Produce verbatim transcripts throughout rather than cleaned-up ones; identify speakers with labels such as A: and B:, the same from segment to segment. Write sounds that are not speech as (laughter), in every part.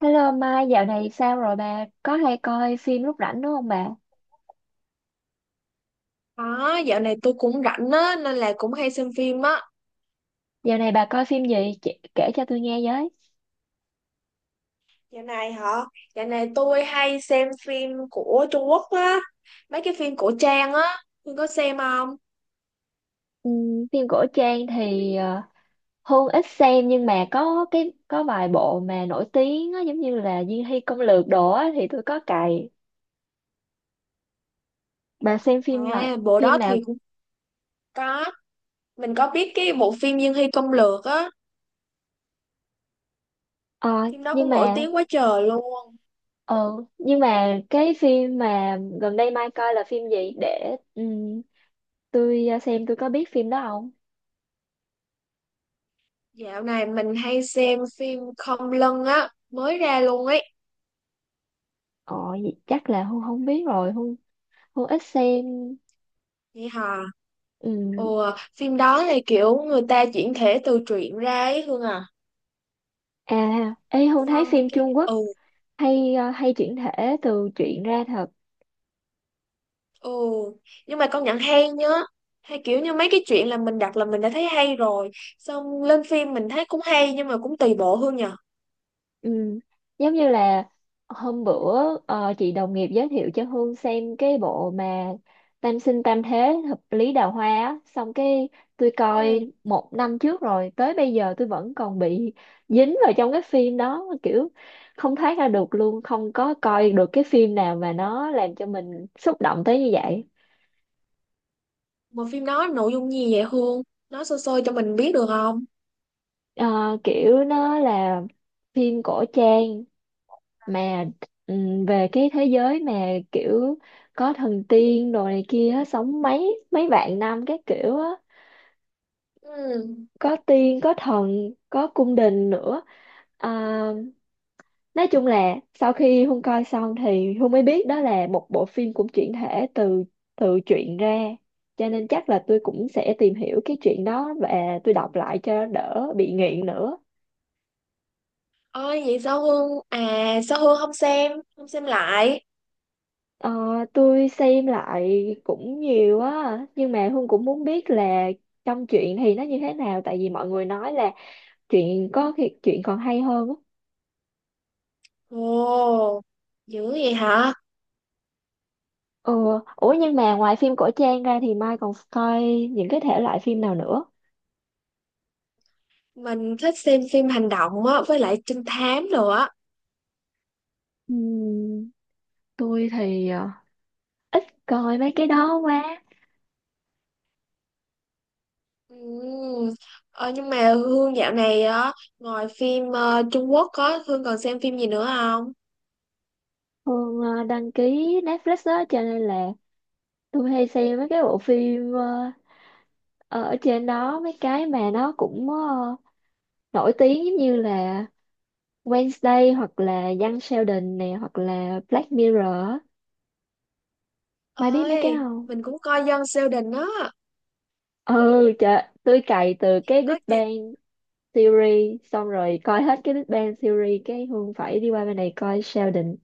A: Hello Mai, dạo này sao rồi bà? Có hay coi phim lúc rảnh đúng không bà?
B: Đó, dạo này tôi cũng rảnh á, nên là cũng hay xem phim á.
A: Dạo này bà coi phim gì? Chị, kể cho tôi nghe với.
B: Dạo này hả? Dạo này tôi hay xem phim của Trung Quốc á. Mấy cái phim cổ trang á, tôi có xem không?
A: Ừm, phim cổ trang thì ờ, Hương ít xem, nhưng mà có cái có vài bộ mà nổi tiếng á, giống như là Diên Hy Công Lược đồ á, thì tôi có cày. Bà xem phim lại
B: À, bộ
A: phim
B: đó
A: nào?
B: thì cũng có. Mình có biết cái bộ phim Dương Hy Công Lược á.
A: Ờ,
B: Phim đó
A: nhưng
B: cũng nổi
A: mà
B: tiếng quá trời luôn.
A: ờ, nhưng mà cái phim mà gần đây Mai coi là phim gì để ừm, tôi ờ, xem tôi có biết phim đó không?
B: Dạo này mình hay xem phim Không Lân á, mới ra luôn ấy.
A: Ờ, vậy chắc là Hương không biết rồi. Hương Hương ít xem.
B: Vậy hả?
A: ừm,
B: Ồ, phim đó là kiểu người ta chuyển thể từ truyện ra ấy Hương à.
A: à ê Hương, thấy
B: Xong
A: phim
B: cái.
A: Trung Quốc
B: ừ
A: hay ờ, hay chuyển thể từ truyện ra thật.
B: Ừ, nhưng mà công nhận hay nhá. Hay kiểu như mấy cái chuyện là mình đặt là mình đã thấy hay rồi. Xong lên phim mình thấy cũng hay nhưng mà cũng tùy bộ Hương nhờ.
A: Ừm, giống như là hôm bữa ờ, chị đồng nghiệp giới thiệu cho Hương xem cái bộ mà Tam sinh tam thế hợp lý đào hoa á, xong cái tôi
B: Ừ,
A: coi một năm trước rồi tới bây giờ tôi vẫn còn bị dính vào trong cái phim đó, kiểu không thoát ra được luôn, không có coi được cái phim nào mà nó làm cho mình xúc động tới như vậy.
B: mà phim đó nội dung gì vậy Hương? Nói sơ sơ cho mình biết được không?
A: Ờ, kiểu nó là phim cổ trang mà ừm, về cái thế giới mà kiểu có thần tiên đồ này kia á, sống mấy mấy vạn năm các kiểu á,
B: Ừ.
A: có tiên có thần có cung đình nữa. Ờ, nói chung là sau khi Hương coi xong thì Hương mới biết đó là một bộ phim cũng chuyển thể từ từ truyện ra, cho nên chắc là tôi cũng sẽ tìm hiểu cái chuyện đó và tôi đọc lại cho đỡ bị nghiện nữa.
B: Ôi vậy sao Hương? À sao Hương không xem? Không xem lại.
A: Ờ, tôi xem lại cũng nhiều á nhưng mà Hương cũng muốn biết là trong truyện thì nó như thế nào, tại vì mọi người nói là truyện có khi truyện còn hay hơn á.
B: Ồ, dữ vậy hả?
A: Ừ. Ủa nhưng mà ngoài phim cổ trang ra thì Mai còn coi những cái thể loại phim nào nữa?
B: Mình thích xem phim hành động á, với lại trinh thám nữa.
A: Ừm, tôi thì ờ, coi mấy cái đó quá.
B: Ừ. Ờ, nhưng mà Hương dạo này á, ngoài phim ờ, Trung Quốc á, Hương còn xem phim gì nữa không?
A: Hương ờ, đăng ký Netflix đó, cho nên là tôi hay xem mấy cái bộ phim ờ, ở trên đó, mấy cái mà nó cũng ờ, nổi tiếng, giống như là Wednesday hoặc là Young Sheldon nè hoặc là Black Mirror á. Mai biết mấy cái đó
B: Ơi,
A: không?
B: mình cũng coi Dân Sheldon á.
A: Ừ, trời tôi cày từ cái Big
B: Ơi, chị...
A: Bang Theory xong rồi coi hết cái Big Bang Theory cái Hương phải đi qua bên này coi Sheldon.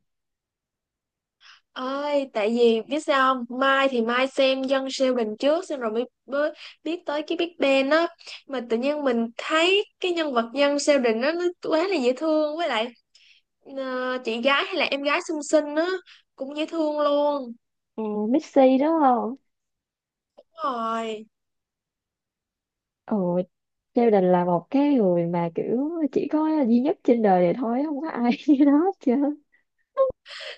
B: Ơi, tại vì biết sao không? Mai thì Mai xem Dân Sheldon trước xong rồi mới, mới biết tới cái Big Bang á. Mà tự nhiên mình thấy cái nhân vật Dân Sheldon á nó quá là dễ thương với lại ờ, chị gái hay là em gái xinh xinh á cũng dễ thương luôn.
A: À, Missy đúng không?
B: Đúng rồi.
A: Ồ, Sheldon là một cái người mà kiểu chỉ có duy nhất trên đời này thôi, không có ai (laughs) như nó hết trơn.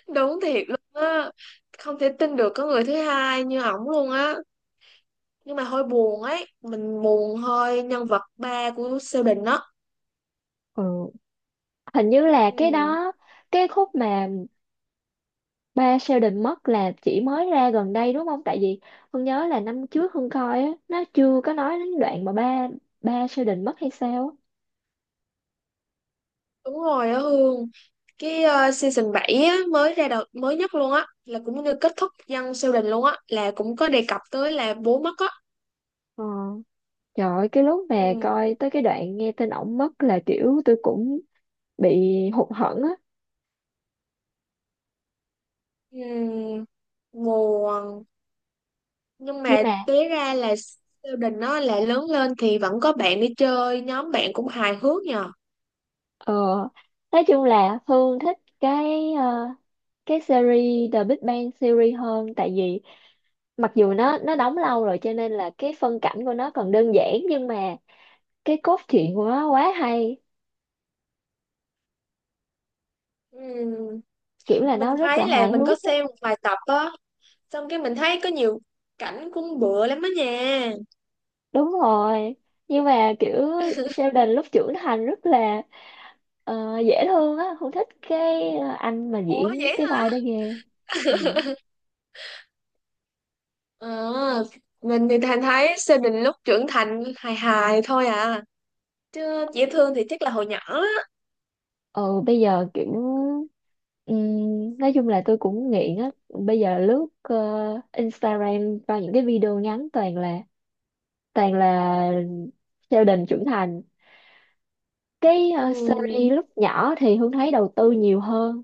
B: Đúng thiệt luôn á, không thể tin được có người thứ hai như ổng luôn á, nhưng mà hơi buồn ấy, mình buồn hơi nhân vật ba của Sơ Bình đó.
A: Ừ, hình như là cái
B: Ừ,
A: đó, cái khúc mà Ba Sheldon mất là chỉ mới ra gần đây đúng không? Tại vì Hương nhớ là năm trước Hương coi á, nó chưa có nói đến đoạn mà ba ba Sheldon mất hay sao á.
B: đúng rồi á Hương. Cái ờ, season bảy á, mới ra đầu mới nhất luôn á, là cũng như kết thúc dân siêu đình luôn á, là cũng có đề cập tới là bố mất á.
A: Ờ. Trời ơi, cái lúc mà
B: Ừ,
A: coi tới cái đoạn nghe tin ổng mất là kiểu tôi cũng bị hụt hẫng á.
B: ừ, buồn, nhưng
A: Nhưng
B: mà
A: mà
B: tế ra là siêu đình, nó là lớn lên thì vẫn có bạn đi chơi, nhóm bạn cũng hài hước nhờ.
A: ờ, nói chung là Hương thích cái ờ, cái series The Big Bang Theory hơn, tại vì mặc dù nó nó đóng lâu rồi cho nên là cái phân cảnh của nó còn đơn giản, nhưng mà cái cốt truyện của nó quá hay,
B: Ừ.
A: kiểu là
B: Mình
A: nó rất là
B: thấy là
A: hài
B: mình có
A: hước á.
B: xem một vài tập á, xong cái mình thấy có nhiều cảnh cũng bựa lắm á nha.
A: Đúng rồi, nhưng mà kiểu Sheldon lúc trưởng thành rất là ờ, dễ thương á, không thích cái ờ, anh mà
B: Ủa
A: diễn
B: vậy
A: cái
B: hả?
A: vai đó ghê. Ừ.
B: ờ mình thì thành thấy Sơn Đình lúc trưởng thành hài hài thôi à, chứ dễ thương thì chắc là hồi nhỏ á.
A: Ừ, bây giờ kiểu ừm, nói chung là tôi cũng nghiện á, bây giờ lướt ờ, Instagram vào những cái video ngắn, toàn là toàn là Sheldon trưởng thành. Cái ờ,
B: Ừ,
A: series lúc nhỏ thì Hương thấy đầu tư nhiều hơn.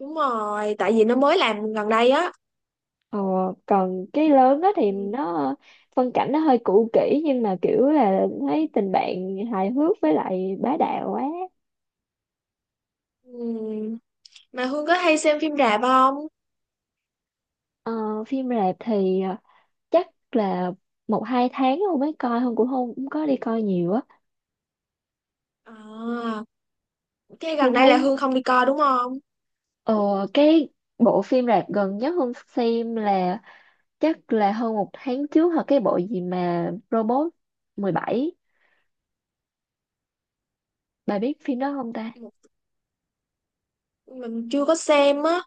B: đúng rồi tại vì nó mới làm gần đây á.
A: Ờ, còn cái lớn đó thì
B: Ừ,
A: nó phân cảnh nó hơi cũ kỹ, nhưng mà kiểu là thấy tình bạn hài hước với lại bá đạo quá.
B: ừ. Mà Hương có hay xem phim rạp không?
A: Ờ, phim rạp thì ờ, chắc là một hai tháng không mới coi, không cũng không cũng có đi coi nhiều á.
B: À, cái
A: Không
B: gần đây là
A: thấy.
B: Hương không đi coi đúng không?
A: Ờ, cái bộ phim rạp gần nhất Hương xem là chắc là hơn một tháng trước, hoặc cái bộ gì mà Robot mười bảy, bà biết phim đó không ta?
B: Mình chưa có xem á.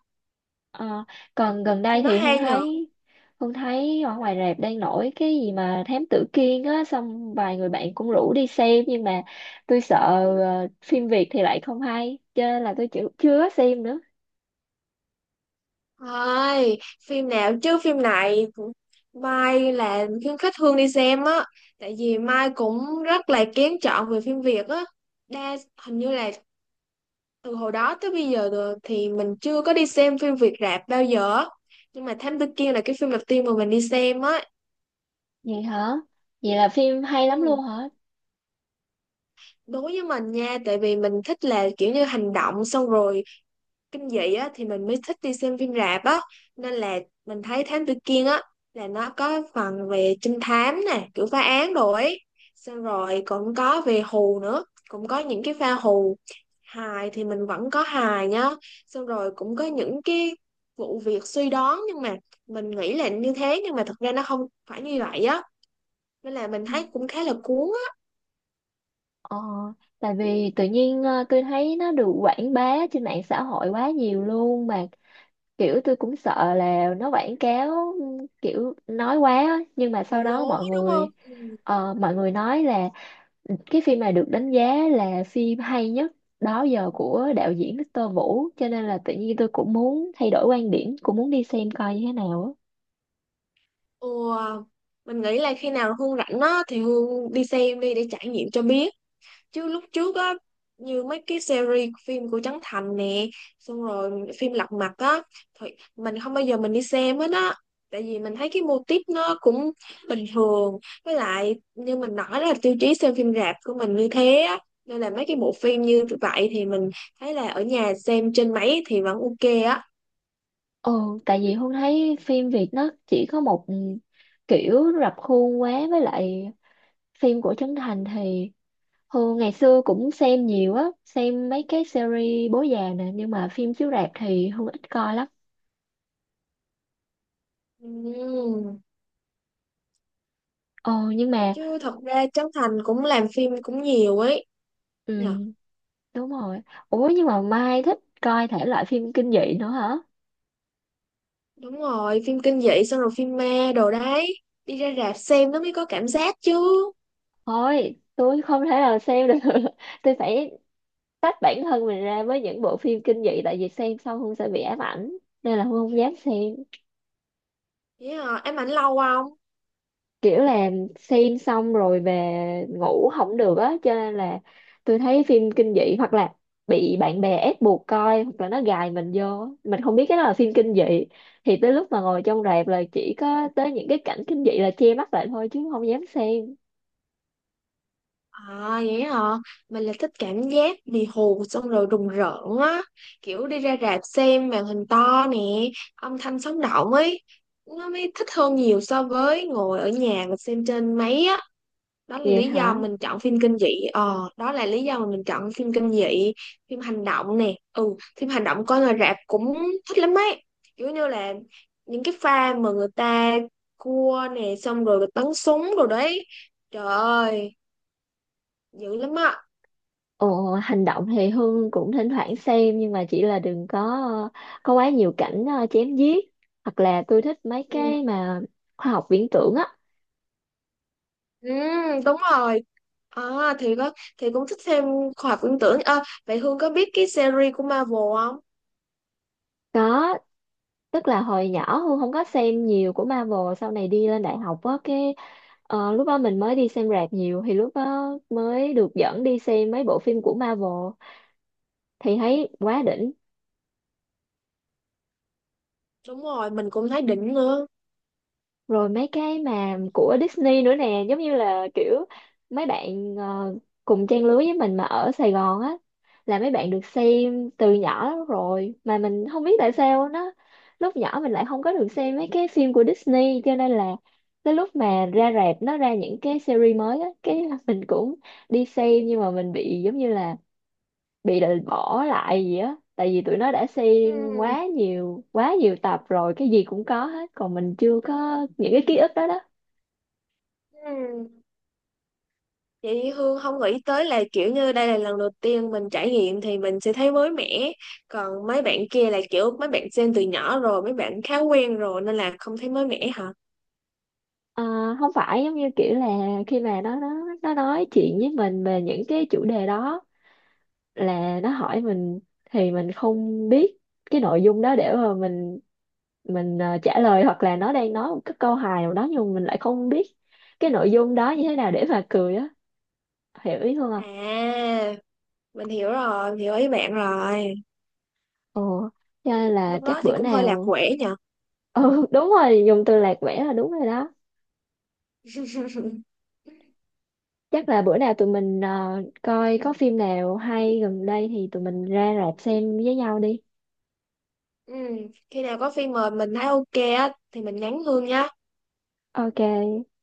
A: Ờ, còn gần đây
B: Phim nó
A: thì Hương
B: hay nhở.
A: thấy Hương thấy ở ngoài rạp đang nổi cái gì mà Thám Tử Kiên á, xong vài người bạn cũng rủ đi xem, nhưng mà tôi sợ ờ, phim Việt thì lại không hay, cho nên là tôi chưa, chưa có xem nữa.
B: Thôi, phim nào chứ phim này cũng- Mai là khuyến khích Hương đi xem á, tại vì Mai cũng rất là kén chọn về phim Việt á. đa Hình như là từ hồi đó tới bây giờ rồi thì mình chưa có đi xem phim Việt rạp bao giờ á. Nhưng mà Thám Tử Kiên là cái phim đầu tiên mà mình đi xem á.
A: Vậy hả? Vậy là phim hay lắm luôn
B: Ừ,
A: hả?
B: đối với mình nha, tại vì mình thích là kiểu như hành động, xong rồi kinh dị á, thì mình mới thích đi xem phim rạp á. Nên là mình thấy Thám Tử Kiên á, là nó có phần về trinh thám nè, kiểu phá án đồ ấy, xong rồi cũng có về hù nữa, cũng có những cái pha hù, hài thì mình vẫn có hài nhá, xong rồi cũng có những cái vụ việc suy đoán, nhưng mà mình nghĩ là như thế nhưng mà thật ra nó không phải như vậy á, nên là mình
A: Ừ.
B: thấy cũng khá là cuốn á.
A: ờ, tại vì tự nhiên ờ, tôi thấy nó được quảng bá trên mạng xã hội quá nhiều luôn, mà kiểu tôi cũng sợ là nó quảng cáo ừ, kiểu nói quá á. Nhưng mà
B: Bị
A: sau đó
B: lố
A: mọi
B: đúng
A: người
B: không? Ừ.
A: Ờ, mọi người nói là cái phim này được đánh giá là phim hay nhất đó giờ của đạo diễn Victor Vũ, cho nên là tự nhiên tôi cũng muốn thay đổi quan điểm, cũng muốn đi xem coi như thế nào á.
B: Ồ, mình nghĩ là khi nào Hương rảnh á thì Hương đi xem đi để trải nghiệm cho biết. Chứ lúc trước á, như mấy cái series phim của Trấn Thành nè, xong rồi phim Lật Mặt á, thì mình không bao giờ mình đi xem hết á, tại vì mình thấy cái mô típ nó cũng bình thường. Với lại như mình nói là tiêu chí xem phim rạp của mình như thế á, nên là mấy cái bộ phim như vậy thì mình thấy là ở nhà xem trên máy thì vẫn ok á.
A: Ừ, tại vì Hương thấy phim Việt nó chỉ có một, ừ, kiểu rập khuôn quá, với lại phim của Trấn Thành thì Hương ngày xưa cũng xem nhiều á, xem mấy cái series bố già nè, nhưng mà phim chiếu rạp thì Hương ít coi lắm.
B: Ừm.
A: Ờ nhưng mà.
B: Chứ thật ra Trấn Thành cũng làm phim cũng nhiều ấy nhờ.
A: Ừ đúng rồi. Ủa nhưng mà Mai thích coi thể loại phim kinh dị nữa hả?
B: Đúng rồi, phim kinh dị xong rồi phim ma đồ đấy. Đi ra rạp xem nó mới có cảm giác chứ.
A: Thôi, tôi không thể nào xem được. (laughs) Tôi phải tách bản thân mình ra với những bộ phim kinh dị, tại vì xem xong không sẽ bị ám ảnh. Nên là Hương không dám xem.
B: Vậy hả? Ám ảnh lâu không?
A: Kiểu là xem xong rồi về ngủ không được á. Cho nên là tôi thấy phim kinh dị hoặc là bị bạn bè ép buộc coi, hoặc là nó gài mình vô. Mình không biết cái đó là phim kinh dị. Thì tới lúc mà ngồi trong rạp là chỉ có tới những cái cảnh kinh dị là che mắt lại thôi, chứ không dám xem.
B: À vậy hả? Mình là thích cảm giác bị hù xong rồi rùng rợn á. Kiểu đi ra rạp xem màn hình to nè, âm thanh sống động ấy. Nó mới thích hơn nhiều so với ngồi ở nhà mà xem trên máy á. Đó là
A: Vậy
B: lý do
A: hả?
B: mình chọn phim kinh dị, ờ đó là lý do mà mình chọn phim kinh dị. Phim hành động nè, ừ, phim hành động coi ngoài rạp cũng thích lắm ấy, kiểu như là những cái pha mà người ta cua nè, xong rồi bắn súng rồi đấy, trời ơi dữ lắm á.
A: Ồ, hành động thì Hương cũng thỉnh thoảng xem, nhưng mà chỉ là đừng có ờ, có quá nhiều cảnh, ờ, chém giết, hoặc là tôi thích mấy
B: Ừ,
A: cái mà khoa học viễn tưởng á.
B: ừ, đúng rồi. À, thì có, thì cũng thích xem khoa học viễn tưởng. Ờ, vậy Hương có biết cái series của Marvel không?
A: Có, tức là hồi nhỏ Hương không có xem nhiều của Marvel, sau này đi lên đại học á, cái ờ, lúc đó mình mới đi xem rạp nhiều, thì lúc đó mới được dẫn đi xem mấy bộ phim của Marvel, thì thấy quá đỉnh.
B: Đúng rồi mình cũng thấy đỉnh nữa.
A: Rồi mấy cái mà của Disney nữa nè, giống như là kiểu mấy bạn ờ, cùng trang lứa với mình mà ở Sài Gòn á, là mấy bạn được xem từ nhỏ lắm rồi, mà mình không biết tại sao nó lúc nhỏ mình lại không có được xem mấy cái phim của Disney, cho nên là tới lúc mà ra rạp nó ra những cái series mới á, cái mình cũng đi xem, nhưng mà mình bị giống như là bị định bỏ lại gì á, tại vì tụi nó đã xem
B: Ừ,
A: quá nhiều quá nhiều tập rồi, cái gì cũng có hết còn mình chưa có những cái ký ức đó đó.
B: ừ. Chị Hương không nghĩ tới là kiểu như đây là lần đầu tiên mình trải nghiệm thì mình sẽ thấy mới mẻ. Còn mấy bạn kia là kiểu mấy bạn xem từ nhỏ rồi, mấy bạn khá quen rồi nên là không thấy mới mẻ hả?
A: Ờ, không phải, giống như kiểu là khi mà nó nó nó nói chuyện với mình về những cái chủ đề đó, là nó hỏi mình thì mình không biết cái nội dung đó để mà mình mình ờ, trả lời, hoặc là nó đang nói một cái câu hài nào đó, nhưng mà mình lại không biết cái nội dung đó như thế nào để mà cười á. Hiểu ý không ạ?
B: À, mình hiểu rồi, mình hiểu ý bạn rồi.
A: Ồ, cho nên là
B: Lúc
A: chắc
B: đó thì
A: bữa
B: cũng hơi lạc
A: nào.
B: quẻ nhờ.
A: Ừ đúng rồi, dùng từ lạc quẻ là đúng rồi đó.
B: (laughs)
A: Chắc là bữa nào tụi mình ờ, coi có phim nào hay gần đây thì tụi mình ra rạp xem với nhau đi.
B: Ừ, khi nào có phim mời mình thấy ok á thì mình nhắn Hương nhá.
A: Ok,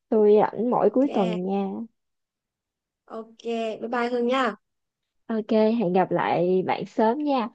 A: tôi rảnh mỗi
B: Ok,
A: cuối tuần nha.
B: ok, bye bye Hương nha.
A: Ok, hẹn gặp lại bạn sớm nha.